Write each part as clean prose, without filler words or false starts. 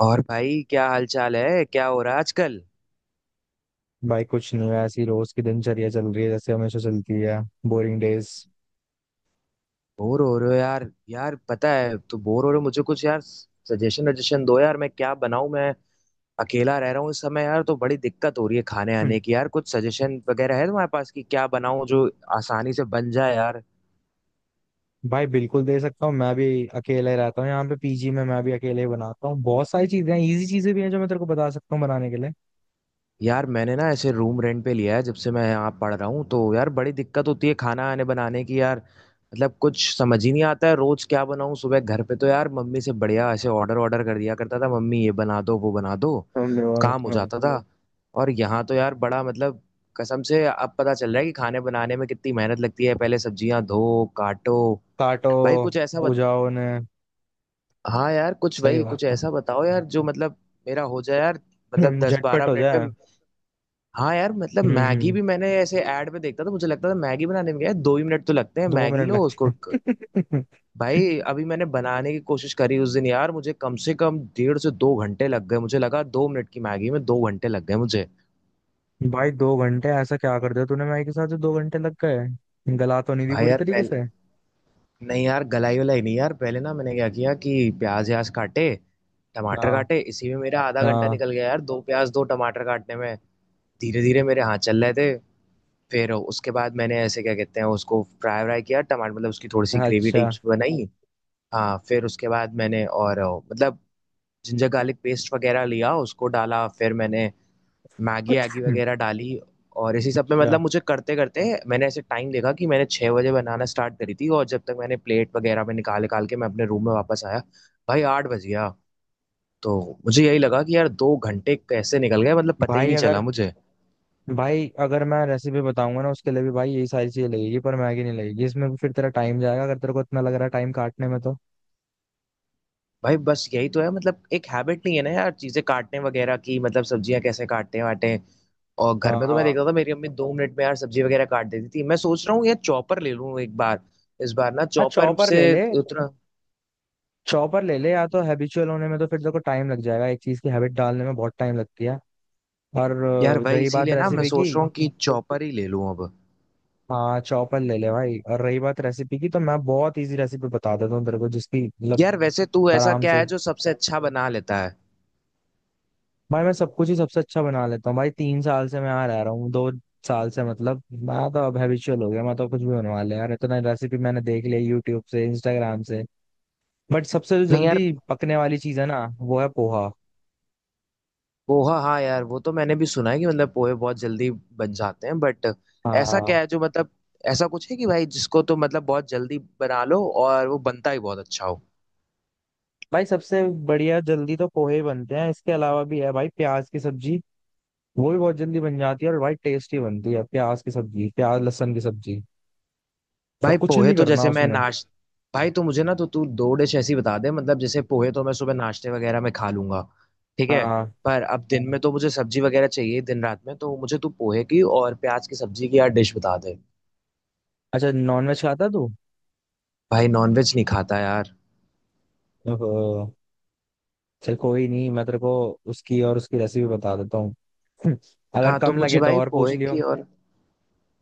और भाई क्या हाल चाल है? क्या हो रहा है आजकल? भाई कुछ नहीं है, ऐसी रोज की दिनचर्या चल रही है जैसे हमेशा चलती है। Boring days. बोर हो रहे हो, यार? यार, पता है, तो बोर हो रहे हो। मुझे कुछ यार सजेशन वजेशन दो यार, मैं क्या बनाऊं? मैं अकेला रह रहा हूँ इस समय यार, तो बड़ी दिक्कत हो रही है खाने आने की। यार, कुछ सजेशन वगैरह है तुम्हारे पास कि क्या बनाऊं जो आसानी से बन जाए यार? भाई बिल्कुल दे सकता हूँ, मैं भी अकेले रहता हूँ यहाँ पे पीजी में। मैं भी अकेले ही बनाता हूँ, बहुत सारी चीजें हैं, इजी चीजें भी हैं जो मैं तेरे को बता सकता हूँ बनाने के लिए। यार, मैंने ना ऐसे रूम रेंट पे लिया है। जब से मैं यहाँ पढ़ रहा हूँ तो यार, बड़ी दिक्कत होती है खाना आने बनाने की। यार मतलब कुछ समझ ही नहीं आता है रोज क्या बनाऊँ। सुबह घर पे तो यार मम्मी से बढ़िया ऐसे ऑर्डर ऑर्डर कर दिया करता था, मम्मी ये बना दो, वो बना दो, हमने काम हो हाँ। जाता था। हम्म। और यहाँ तो यार बड़ा मतलब कसम से अब पता चल रहा है कि खाने बनाने में कितनी मेहनत लगती है। पहले सब्जियां धो, काटो, काटो भाई कुछ ऐसा उजाओ ने। हाँ यार कुछ, सही भाई बात कुछ है। ऐसा बताओ यार जो मतलब मेरा हो जाए यार, मतलब दस झटपट बारह हो मिनट जाए। में। हाँ यार मतलब हम्म मैगी हम्म, भी मैंने ऐसे ऐड में देखता था, मुझे लगता था मैगी बनाने में क्या है, 2 ही मिनट तो लगते हैं। दो मैगी मिनट लो लगते उसको हैं। भाई, अभी मैंने बनाने की कोशिश करी उस दिन यार, मुझे कम से कम 1.5 से 2 घंटे लग गए। मुझे लगा 2 मिनट की मैगी में 2 घंटे लग गए मुझे। भाई दो घंटे ऐसा क्या कर दिया तूने? मैं के साथ जो दो घंटे लग गए, गला तो नहीं दी भाई पूरी यार तरीके से? पहले नहीं यार, गलाई वलाई नहीं यार। पहले ना मैंने क्या किया कि प्याज व्याज काटे, टमाटर हाँ, काटे, इसी में मेरा आधा घंटा हाँ। निकल गया यार, दो प्याज दो टमाटर काटने में। धीरे धीरे मेरे हाथ चल रहे थे। फिर उसके बाद मैंने ऐसे, क्या कहते हैं उसको, फ्राई व्राई किया टमाटर, मतलब उसकी थोड़ी सी ग्रेवी अच्छा। टाइप्स बनाई। हाँ, फिर उसके बाद मैंने और मतलब जिंजर गार्लिक पेस्ट वगैरह लिया, उसको डाला, फिर मैंने मैगी एगी वगैरह डाली। और इसी सब में क्या? मतलब मुझे करते करते मैंने ऐसे टाइम देखा कि मैंने 6 बजे बनाना स्टार्ट करी थी, और जब तक मैंने प्लेट वगैरह में निकाल निकाल के मैं अपने रूम में वापस आया, भाई 8 बज गया। तो मुझे यही लगा कि यार 2 घंटे कैसे निकल गए, मतलब पता ही भाई नहीं चला अगर, मुझे। भाई अगर मैं रेसिपी बताऊंगा ना, उसके लिए भी भाई यही सारी चीजें लगेगी, पर मैगी नहीं लगेगी इसमें। भी फिर तेरा टाइम जाएगा अगर तेरे को इतना लग रहा है टाइम काटने में तो। भाई बस यही तो है, मतलब एक हैबिट नहीं है ना यार चीजें काटने वगैरह की। मतलब सब्जियां कैसे काटते हैं वाटे हैं। और घर हाँ, में तो मैं हाँ। देखता था मेरी अम्मी 2 मिनट में यार सब्जी वगैरह काट देती थी। मैं सोच रहा हूँ यार चॉपर ले लूँ एक बार। इस बार ना हाँ चॉपर चॉपर से ले ले, उतना, चॉपर ले ले। या तो हैबिचुअल होने में तो फिर तेरे को टाइम लग जाएगा, एक चीज की हैबिट डालने में बहुत टाइम लगती है। और यार वही रही बात इसीलिए ना मैं रेसिपी की। सोच रहा हूँ कि चॉपर ही ले लूँ अब। हाँ चॉपर ले ले भाई, और रही बात रेसिपी की तो मैं बहुत इजी रेसिपी बता देता हूँ तेरे को, जिसकी मतलब यार वैसे तू ऐसा आराम क्या से। है जो सबसे अच्छा बना लेता है? भाई मैं सब कुछ ही सबसे अच्छा बना लेता हूँ, भाई तीन साल से मैं यहाँ रह रहा हूँ, दो साल से मतलब, मैं तो अब हैबिचुअल हो गया। मैं तो कुछ भी बनवा ले यार, इतना रेसिपी मैंने देख लिया यूट्यूब से, इंस्टाग्राम से। बट सबसे जो नहीं यार, जल्दी पकने वाली चीज है ना, वो है पोहा। पोहा, हाँ हाँ यार, वो तो मैंने भी सुना है कि मतलब पोहे बहुत जल्दी बन जाते हैं, बट ऐसा क्या हाँ है जो मतलब ऐसा कुछ है कि भाई जिसको तो मतलब बहुत जल्दी बना लो और वो बनता ही बहुत अच्छा हो। भाई, सबसे बढ़िया जल्दी तो पोहे ही बनते हैं, इसके अलावा भी है भाई, प्याज की सब्जी वो भी बहुत जल्दी बन जाती है और भाई टेस्टी बनती है प्याज की सब्जी, प्याज लहसुन की सब्जी, और भाई कुछ पोहे नहीं तो करना जैसे मैं उसमें। नाश, भाई तो मुझे ना, तो तू दो डिश ऐसी बता दे। मतलब जैसे पोहे तो मैं सुबह नाश्ते वगैरह में खा लूंगा, ठीक है। हाँ। पर अब दिन में तो मुझे सब्जी वगैरह चाहिए, दिन रात में। तो मुझे तू पोहे की और प्याज की सब्जी की यार डिश बता दे। अच्छा, नॉनवेज खाता तू? भाई नॉनवेज नहीं खाता यार। ओहो। चल कोई नहीं, मैं तेरे को उसकी और उसकी रेसिपी बता देता हूँ। अगर हाँ तो कम मुझे लगे तो भाई और पूछ पोहे लियो। की और,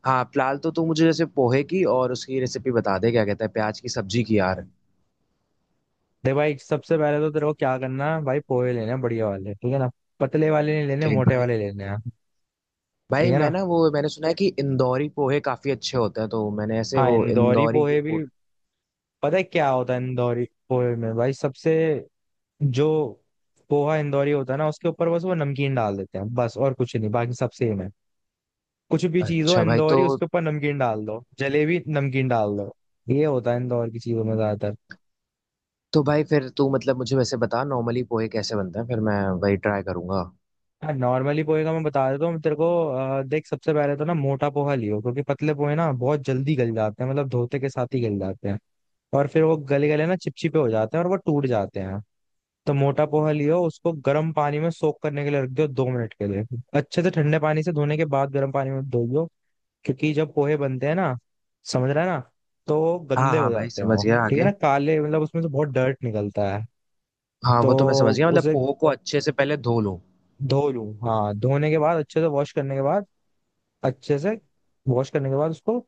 हाँ फिलहाल तो तू मुझे जैसे पोहे की और उसकी रेसिपी बता दे, क्या कहता है, प्याज की सब्जी की यार। दे भाई, सबसे पहले तो तेरे को क्या करना है भाई, पोहे लेने हैं बढ़िया वाले, ठीक है ना। पतले वाले नहीं लेने, ठीक मोटे भाई। वाले लेने हैं। भाई ठीक है मैं ना। ना, वो मैंने सुना है कि इंदौरी पोहे काफी अच्छे होते हैं, तो मैंने ऐसे हाँ वो इंदौरी इंदौरी के पोहे भी। पोहे, पता है क्या होता है इंदौरी पोहे में भाई? सबसे, जो पोहा इंदौरी होता है ना, उसके ऊपर बस वो नमकीन डाल देते हैं बस, और कुछ नहीं, बाकी सब सेम है। कुछ भी चीज हो अच्छा भाई। तो इंदौरी, उसके ऊपर नमकीन डाल दो, जलेबी नमकीन डाल दो। ये होता है इंदौर की चीजों में ज्यादातर। तो भाई फिर तू मतलब मुझे वैसे बता नॉर्मली पोहे कैसे बनते हैं, फिर मैं वही ट्राई करूंगा। हाँ नॉर्मली पोहे का मैं बता देता हूँ तेरे को। देख सबसे पहले तो ना मोटा पोहा लियो, क्योंकि पतले पोहे ना बहुत जल्दी गल जाते हैं, मतलब धोते के साथ ही गल जाते हैं, और फिर वो गले गले ना चिपचिपे हो जाते हैं और वो टूट जाते हैं। तो मोटा पोहा लियो, उसको गर्म पानी में सोक करने के लिए रख दो, दो मिनट के लिए। अच्छे से ठंडे पानी से धोने के बाद गर्म पानी में धोइयो, क्योंकि जब पोहे बनते हैं ना, समझ रहा है ना, तो हाँ गंदे हो हाँ भाई जाते हैं समझ वो, गया, ठीक है ना, आगे। काले, मतलब उसमें से बहुत डर्ट निकलता है। हाँ तो वो तो मैं समझ गया मतलब उसे पोहे को अच्छे से पहले धो लो। धो लूं। हाँ धोने के बाद, अच्छे से वॉश करने के बाद, अच्छे से वॉश करने के बाद उसको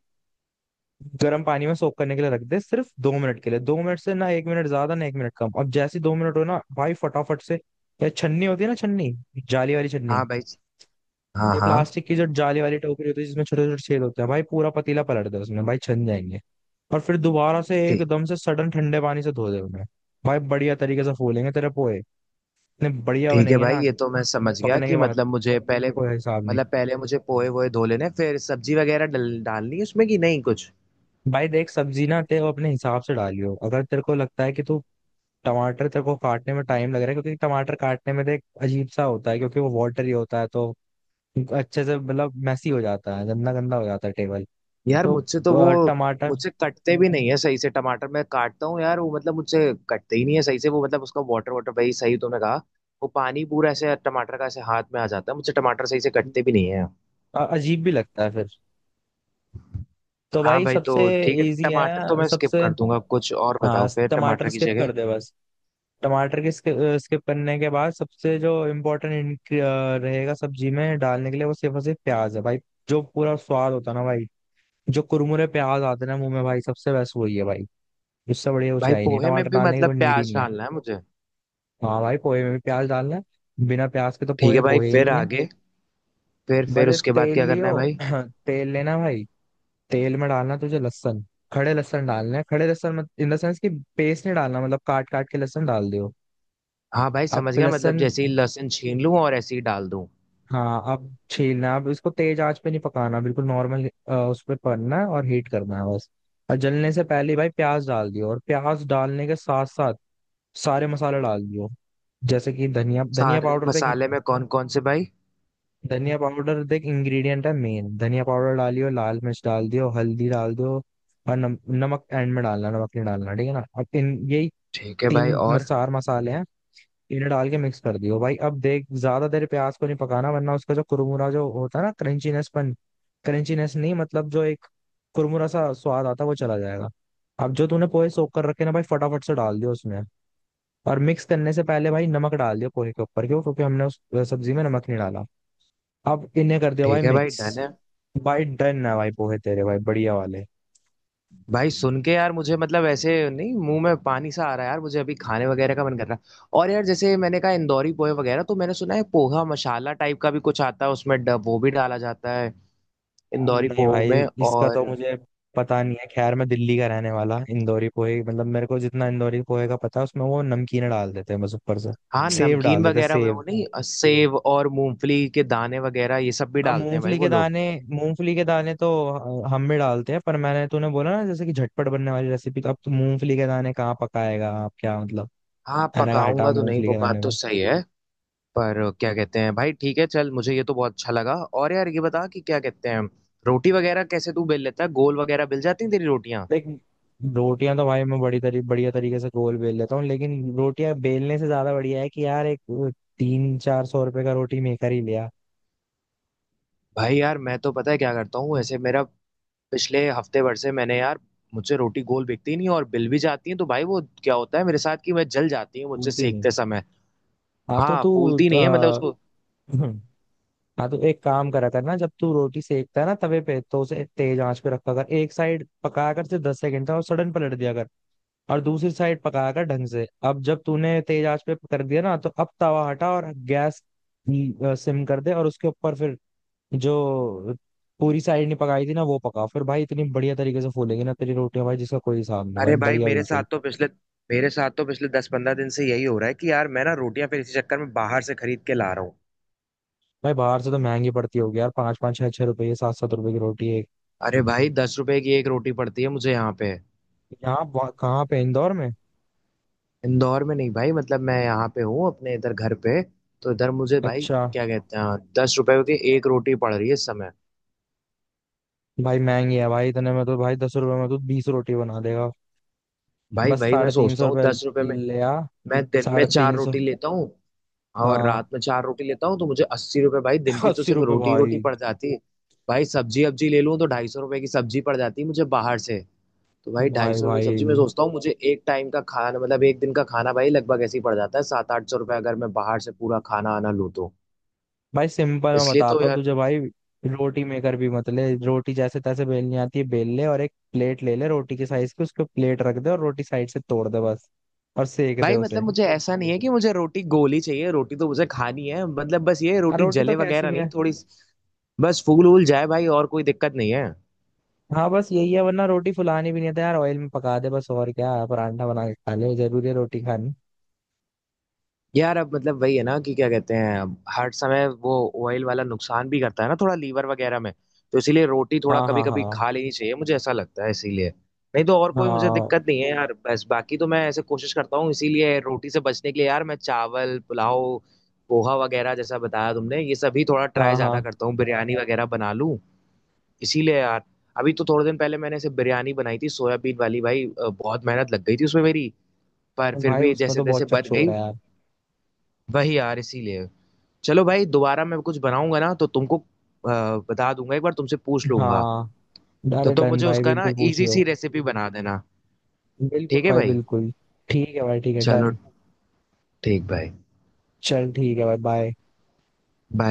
गर्म पानी में सोक करने के लिए रख दे, सिर्फ दो मिनट के लिए, दो मिनट से ना एक मिनट ज्यादा ना एक मिनट कम। अब जैसे ही दो मिनट हो ना भाई फटाफट से, ये छन्नी होती है ना, छन्नी, जाली वाली छन्नी, हाँ भाई। हाँ ये हाँ। प्लास्टिक की जो जाली वाली टोकरी होती है जिसमें छोटे छोटे छेद होते हैं, भाई पूरा पतीला पलट दे उसमें, भाई छन जाएंगे। और फिर दोबारा से ठीक, एकदम से सडन ठंडे पानी से धो दे उन्हें, भाई बढ़िया तरीके से फूलेंगे तेरे पोहे, इतने बढ़िया ठीक है बनेंगे भाई। ना ये तो मैं समझ गया पकने कि के मतलब बाद, मुझे पहले, कोई हिसाब नहीं। मतलब पहले मुझे पोहे वोहे धो लेने, फिर सब्जी वगैरह डालनी है उसमें कि नहीं कुछ? भाई देख सब्जी ना तेरे को अपने हिसाब से डालियो, अगर तेरे को लगता है कि तू, टमाटर तेरे को काटने में टाइम लग रहा है, क्योंकि टमाटर काटने में देख अजीब सा होता है क्योंकि वो वाटरी होता है, तो अच्छे से मतलब मैसी हो जाता है, गंदा गंदा हो जाता है टेबल। यार तो मुझसे तो वो, टमाटर मुझसे कटते भी नहीं है सही से टमाटर। मैं काटता हूँ यार वो मतलब, मुझसे कटते ही नहीं है सही से। वो मतलब उसका वाटर वाटर, भाई सही तुमने कहा। वो पानी पूरा ऐसे टमाटर का ऐसे हाथ में आ जाता है, मुझसे टमाटर सही से कटते भी नहीं है। अजीब भी लगता है फिर। तो हाँ भाई भाई, तो सबसे ठीक है इजी टमाटर तो है मैं स्किप सबसे। कर दूंगा, कुछ और हाँ बताओ फिर टमाटर टमाटर की स्किप कर जगह। दे बस। टमाटर के स्किप करने के बाद सबसे जो इम्पोर्टेंट रहेगा सब्जी में डालने के लिए, वो सिर्फ और सिर्फ प्याज है भाई, जो पूरा स्वाद होता है ना भाई, जो कुरमुरे प्याज आते हैं ना मुंह में, भाई सबसे बेस्ट वही है भाई, इससे बढ़िया कुछ भाई है ही नहीं, पोहे में टमाटर भी डालने की मतलब कोई नीड ही प्याज नहीं है। डालना है मुझे? हाँ भाई पोहे में भी प्याज डालना है, बिना प्याज के तो ठीक पोहे है भाई, पोहे ही फिर नहीं है। आगे? फिर बस फिर एक उसके बाद तेल क्या करना लियो। है भाई? तेल लेना भाई, तेल में डालना तुझे लहसुन, खड़े लहसुन डालना है, खड़े लहसुन मत, इन द सेंस कि पेस्ट नहीं डालना, मतलब काट काट के लहसुन डाल दियो। हाँ भाई अब समझ गया, मतलब लहसुन, जैसे ही लहसुन छीन लूं और ऐसे ही डाल दूं। हाँ अब छीलना, अब इसको तेज आंच पे नहीं पकाना, बिल्कुल नॉर्मल उस पर पकना है और हीट करना है बस। और जलने से पहले भाई प्याज डाल दियो, और प्याज डालने के साथ साथ सारे मसाले डाल दियो, जैसे कि धनिया धनिया सारे पाउडर तो एक, मसाले में कौन कौन से भाई? धनिया पाउडर देख इंग्रेडिएंट है मेन, धनिया पाउडर डालियो, लाल मिर्च डाल दियो, हल्दी डाल दियो, और नमक एंड में डालना, नमक नहीं डालना, ठीक है ना। अब इन, यही ठीक है भाई, तीन और? चार मसाले हैं, इन्हें डाल के मिक्स कर दियो भाई। अब देख ज्यादा देर प्याज को नहीं पकाना, वरना उसका जो कुरमुरा जो होता है ना, क्रंचीनेसपन, क्रंचीनेस नहीं, मतलब जो एक कुरमुरा सा स्वाद आता है वो चला जाएगा। अब जो तूने पोहे सोख कर रखे ना भाई, फटाफट से डाल दियो उसमें, और मिक्स करने से पहले भाई नमक डाल दियो पोहे के ऊपर, क्यों? क्योंकि हमने उस सब्जी में नमक नहीं डाला। अब इन्हें कर दिया भाई ठीक है भाई, मिक्स। डन है। भाई डन है, भाई पोहे तेरे भाई बढ़िया वाले। भाई सुन के यार मुझे मतलब ऐसे नहीं, मुंह में पानी सा आ रहा है यार, मुझे अभी खाने वगैरह का मन कर रहा है। और यार जैसे मैंने कहा इंदौरी पोहे वगैरह, तो मैंने सुना है पोहा मसाला टाइप का भी कुछ आता है, उसमें वो भी डाला जाता है इंदौरी नहीं पोहे भाई में। इसका तो और मुझे पता नहीं है, खैर मैं दिल्ली का रहने वाला, इंदौरी पोहे मतलब मेरे को जितना इंदौरी पोहे का पता है उसमें वो नमकीन डाल देते हैं बस ऊपर से। हाँ सेव नमकीन डाल देते हैं वगैरह वो, सेव। नहीं, सेव और मूंगफली के दाने वगैरह ये सब भी हाँ डालते हैं भाई मूंगफली वो के लोग। दाने, मूंगफली के दाने तो हम भी डालते हैं, पर मैंने तूने बोला ना जैसे कि झटपट बनने वाली रेसिपी, तो अब तू मूंगफली के दाने कहाँ पकाएगा आप, क्या मतलब। हाँ मैंने कहा हटा पकाऊंगा तो नहीं, मूंगफली वो के दाने। बात तो सही है। पर क्या कहते हैं भाई, ठीक है चल, मुझे ये तो बहुत अच्छा लगा। और यार ये बता कि क्या कहते हैं, रोटी वगैरह कैसे तू बेल लेता है? गोल वगैरह बेल जाती हैं तेरी रोटियां देख रोटियां तो भाई मैं बड़ी तरी बढ़िया तरीके से गोल बेल लेता हूँ, लेकिन रोटियां बेलने से ज्यादा बढ़िया है कि यार एक तीन चार सौ रुपए का रोटी मेकर ही लिया। भाई? यार मैं तो पता है क्या करता हूँ ऐसे मेरा, पिछले हफ्ते भर से मैंने यार, मुझसे रोटी गोल बिकती नहीं और बिल भी जाती है। तो भाई वो क्या होता है मेरे साथ कि मैं जल जाती हूँ, मुझसे भूलती नहीं? सेकते समय। हाँ तो हाँ तू, फूलती नहीं है, मतलब आ, उसको। हाँ तो एक काम करा कर ना, जब तू रोटी सेकता है ना तवे पे, तो उसे तेज आंच पे रखा कर, एक साइड पका कर सिर्फ दस सेकंड तक और सडन पलट दिया कर, और दूसरी साइड पका कर ढंग से। अब जब तूने तेज आंच पे कर दिया ना, तो अब तवा हटा और गैस सिम कर दे, और उसके ऊपर फिर जो पूरी साइड नहीं पकाई थी ना वो पका, फिर भाई इतनी बढ़िया तरीके से फूलेगी ना तेरी रोटियां भाई, जिसका कोई हिसाब नहीं भाई, अरे भाई बढ़िया मेरे साथ बिल्कुल। तो पिछले मेरे साथ तो पिछले 10-15 दिन से यही हो रहा है कि यार मैं ना रोटियां फिर इसी चक्कर में बाहर से खरीद के ला रहा हूँ। भाई बाहर से तो महंगी पड़ती होगी यार, पाँच पाँच छह छह रुपये, सात सात रुपए की रोटी एक। अरे भाई, 10 रुपए की एक रोटी पड़ती है मुझे यहाँ पे। यहाँ कहाँ पे, इंदौर में? इंदौर में नहीं भाई, मतलब मैं यहाँ पे हूँ अपने इधर घर पे। तो इधर मुझे भाई, अच्छा। क्या कहते हैं, 10 रुपए की एक रोटी पड़ रही है इस समय। भाई महंगी है भाई, इतने में तो भाई दस रुपए में तो बीस रोटी बना देगा। भाई, बस भाई मैं साढ़े तीन सौ सोचता हूँ रुपये 10 रुपए में, ले आ। मैं दिन में साढ़े चार तीन सौ। रोटी लेता हूँ और रात हाँ। में चार रोटी लेता हूँ, तो मुझे 80 रुपए भाई दिन की तो अस्सी सिर्फ रुपये रोटी ही भाई। रोटी पड़ जाती है। भाई सब्जी अब्जी ले लूँ तो 250 रुपए की सब्जी पड़ जाती है मुझे बाहर से। तो भाई ढाई भाई, सौ रुपये की सब्जी, मैं भाई, सोचता हूँ मुझे एक टाइम का खाना, मतलब एक दिन का खाना भाई लगभग ऐसे ही पड़ जाता है 700-800 रुपये, अगर मैं बाहर से पूरा खाना आना लूँ तो। भाई, सिंपल मैं इसलिए तो बताता हूँ यार तुझे भाई, रोटी मेकर भी मत ले, रोटी जैसे तैसे बेलनी आती है बेल ले, और एक प्लेट ले ले रोटी के साइज की, उसको प्लेट रख दे और रोटी साइड से तोड़ दे बस, और सेक दे भाई, उसे। मतलब मुझे ऐसा नहीं है कि मुझे रोटी गोली चाहिए, रोटी तो मुझे खानी है, मतलब बस ये हाँ रोटी रोटी तो जले कैसी वगैरह भी नहीं है। थोड़ी, बस फूल वूल जाए भाई, और कोई दिक्कत नहीं है। हाँ बस यही है, वरना रोटी फुलानी भी नहीं था यार, ऑयल में पका दे बस, और क्या, परांठा बना के खा ले, जरूरी है रोटी खानी? यार अब मतलब वही है ना कि क्या कहते हैं, अब हर समय वो ऑयल वाला नुकसान भी करता है ना थोड़ा लीवर वगैरह में। तो इसीलिए रोटी थोड़ा हाँ, कभी हाँ, कभी हाँ। खा लेनी चाहिए, मुझे ऐसा लगता है इसीलिए। नहीं तो और कोई मुझे हाँ, दिक्कत नहीं है यार, बस बाकी तो मैं ऐसे कोशिश करता हूँ इसीलिए, रोटी से बचने के लिए यार मैं चावल पुलाव पोहा वगैरह, जैसा बताया तुमने ये सभी, थोड़ा ट्राई हाँ, ज्यादा हाँ। करता हूँ, बिरयानी वगैरह बना लूँ इसीलिए यार। अभी तो थोड़े दिन पहले मैंने ऐसे बिरयानी बनाई थी सोयाबीन वाली भाई, बहुत मेहनत लग गई थी उसमें मेरी, पर फिर भाई भी उसमें जैसे तो तैसे बहुत बन गई। चकचोर है यार। वही यार इसीलिए। चलो भाई, दोबारा मैं कुछ बनाऊंगा ना तो तुमको बता दूंगा, एक बार तुमसे पूछ लूंगा। हाँ। तो अरे तुम तो डन मुझे भाई, उसका ना बिल्कुल इजी पूछियो। सी रेसिपी बना देना। बिल्कुल ठीक है भाई, भाई, बिल्कुल। ठीक है भाई, ठीक है, चलो, डन। ठीक भाई, चल ठीक है भाई, बाय। बाय।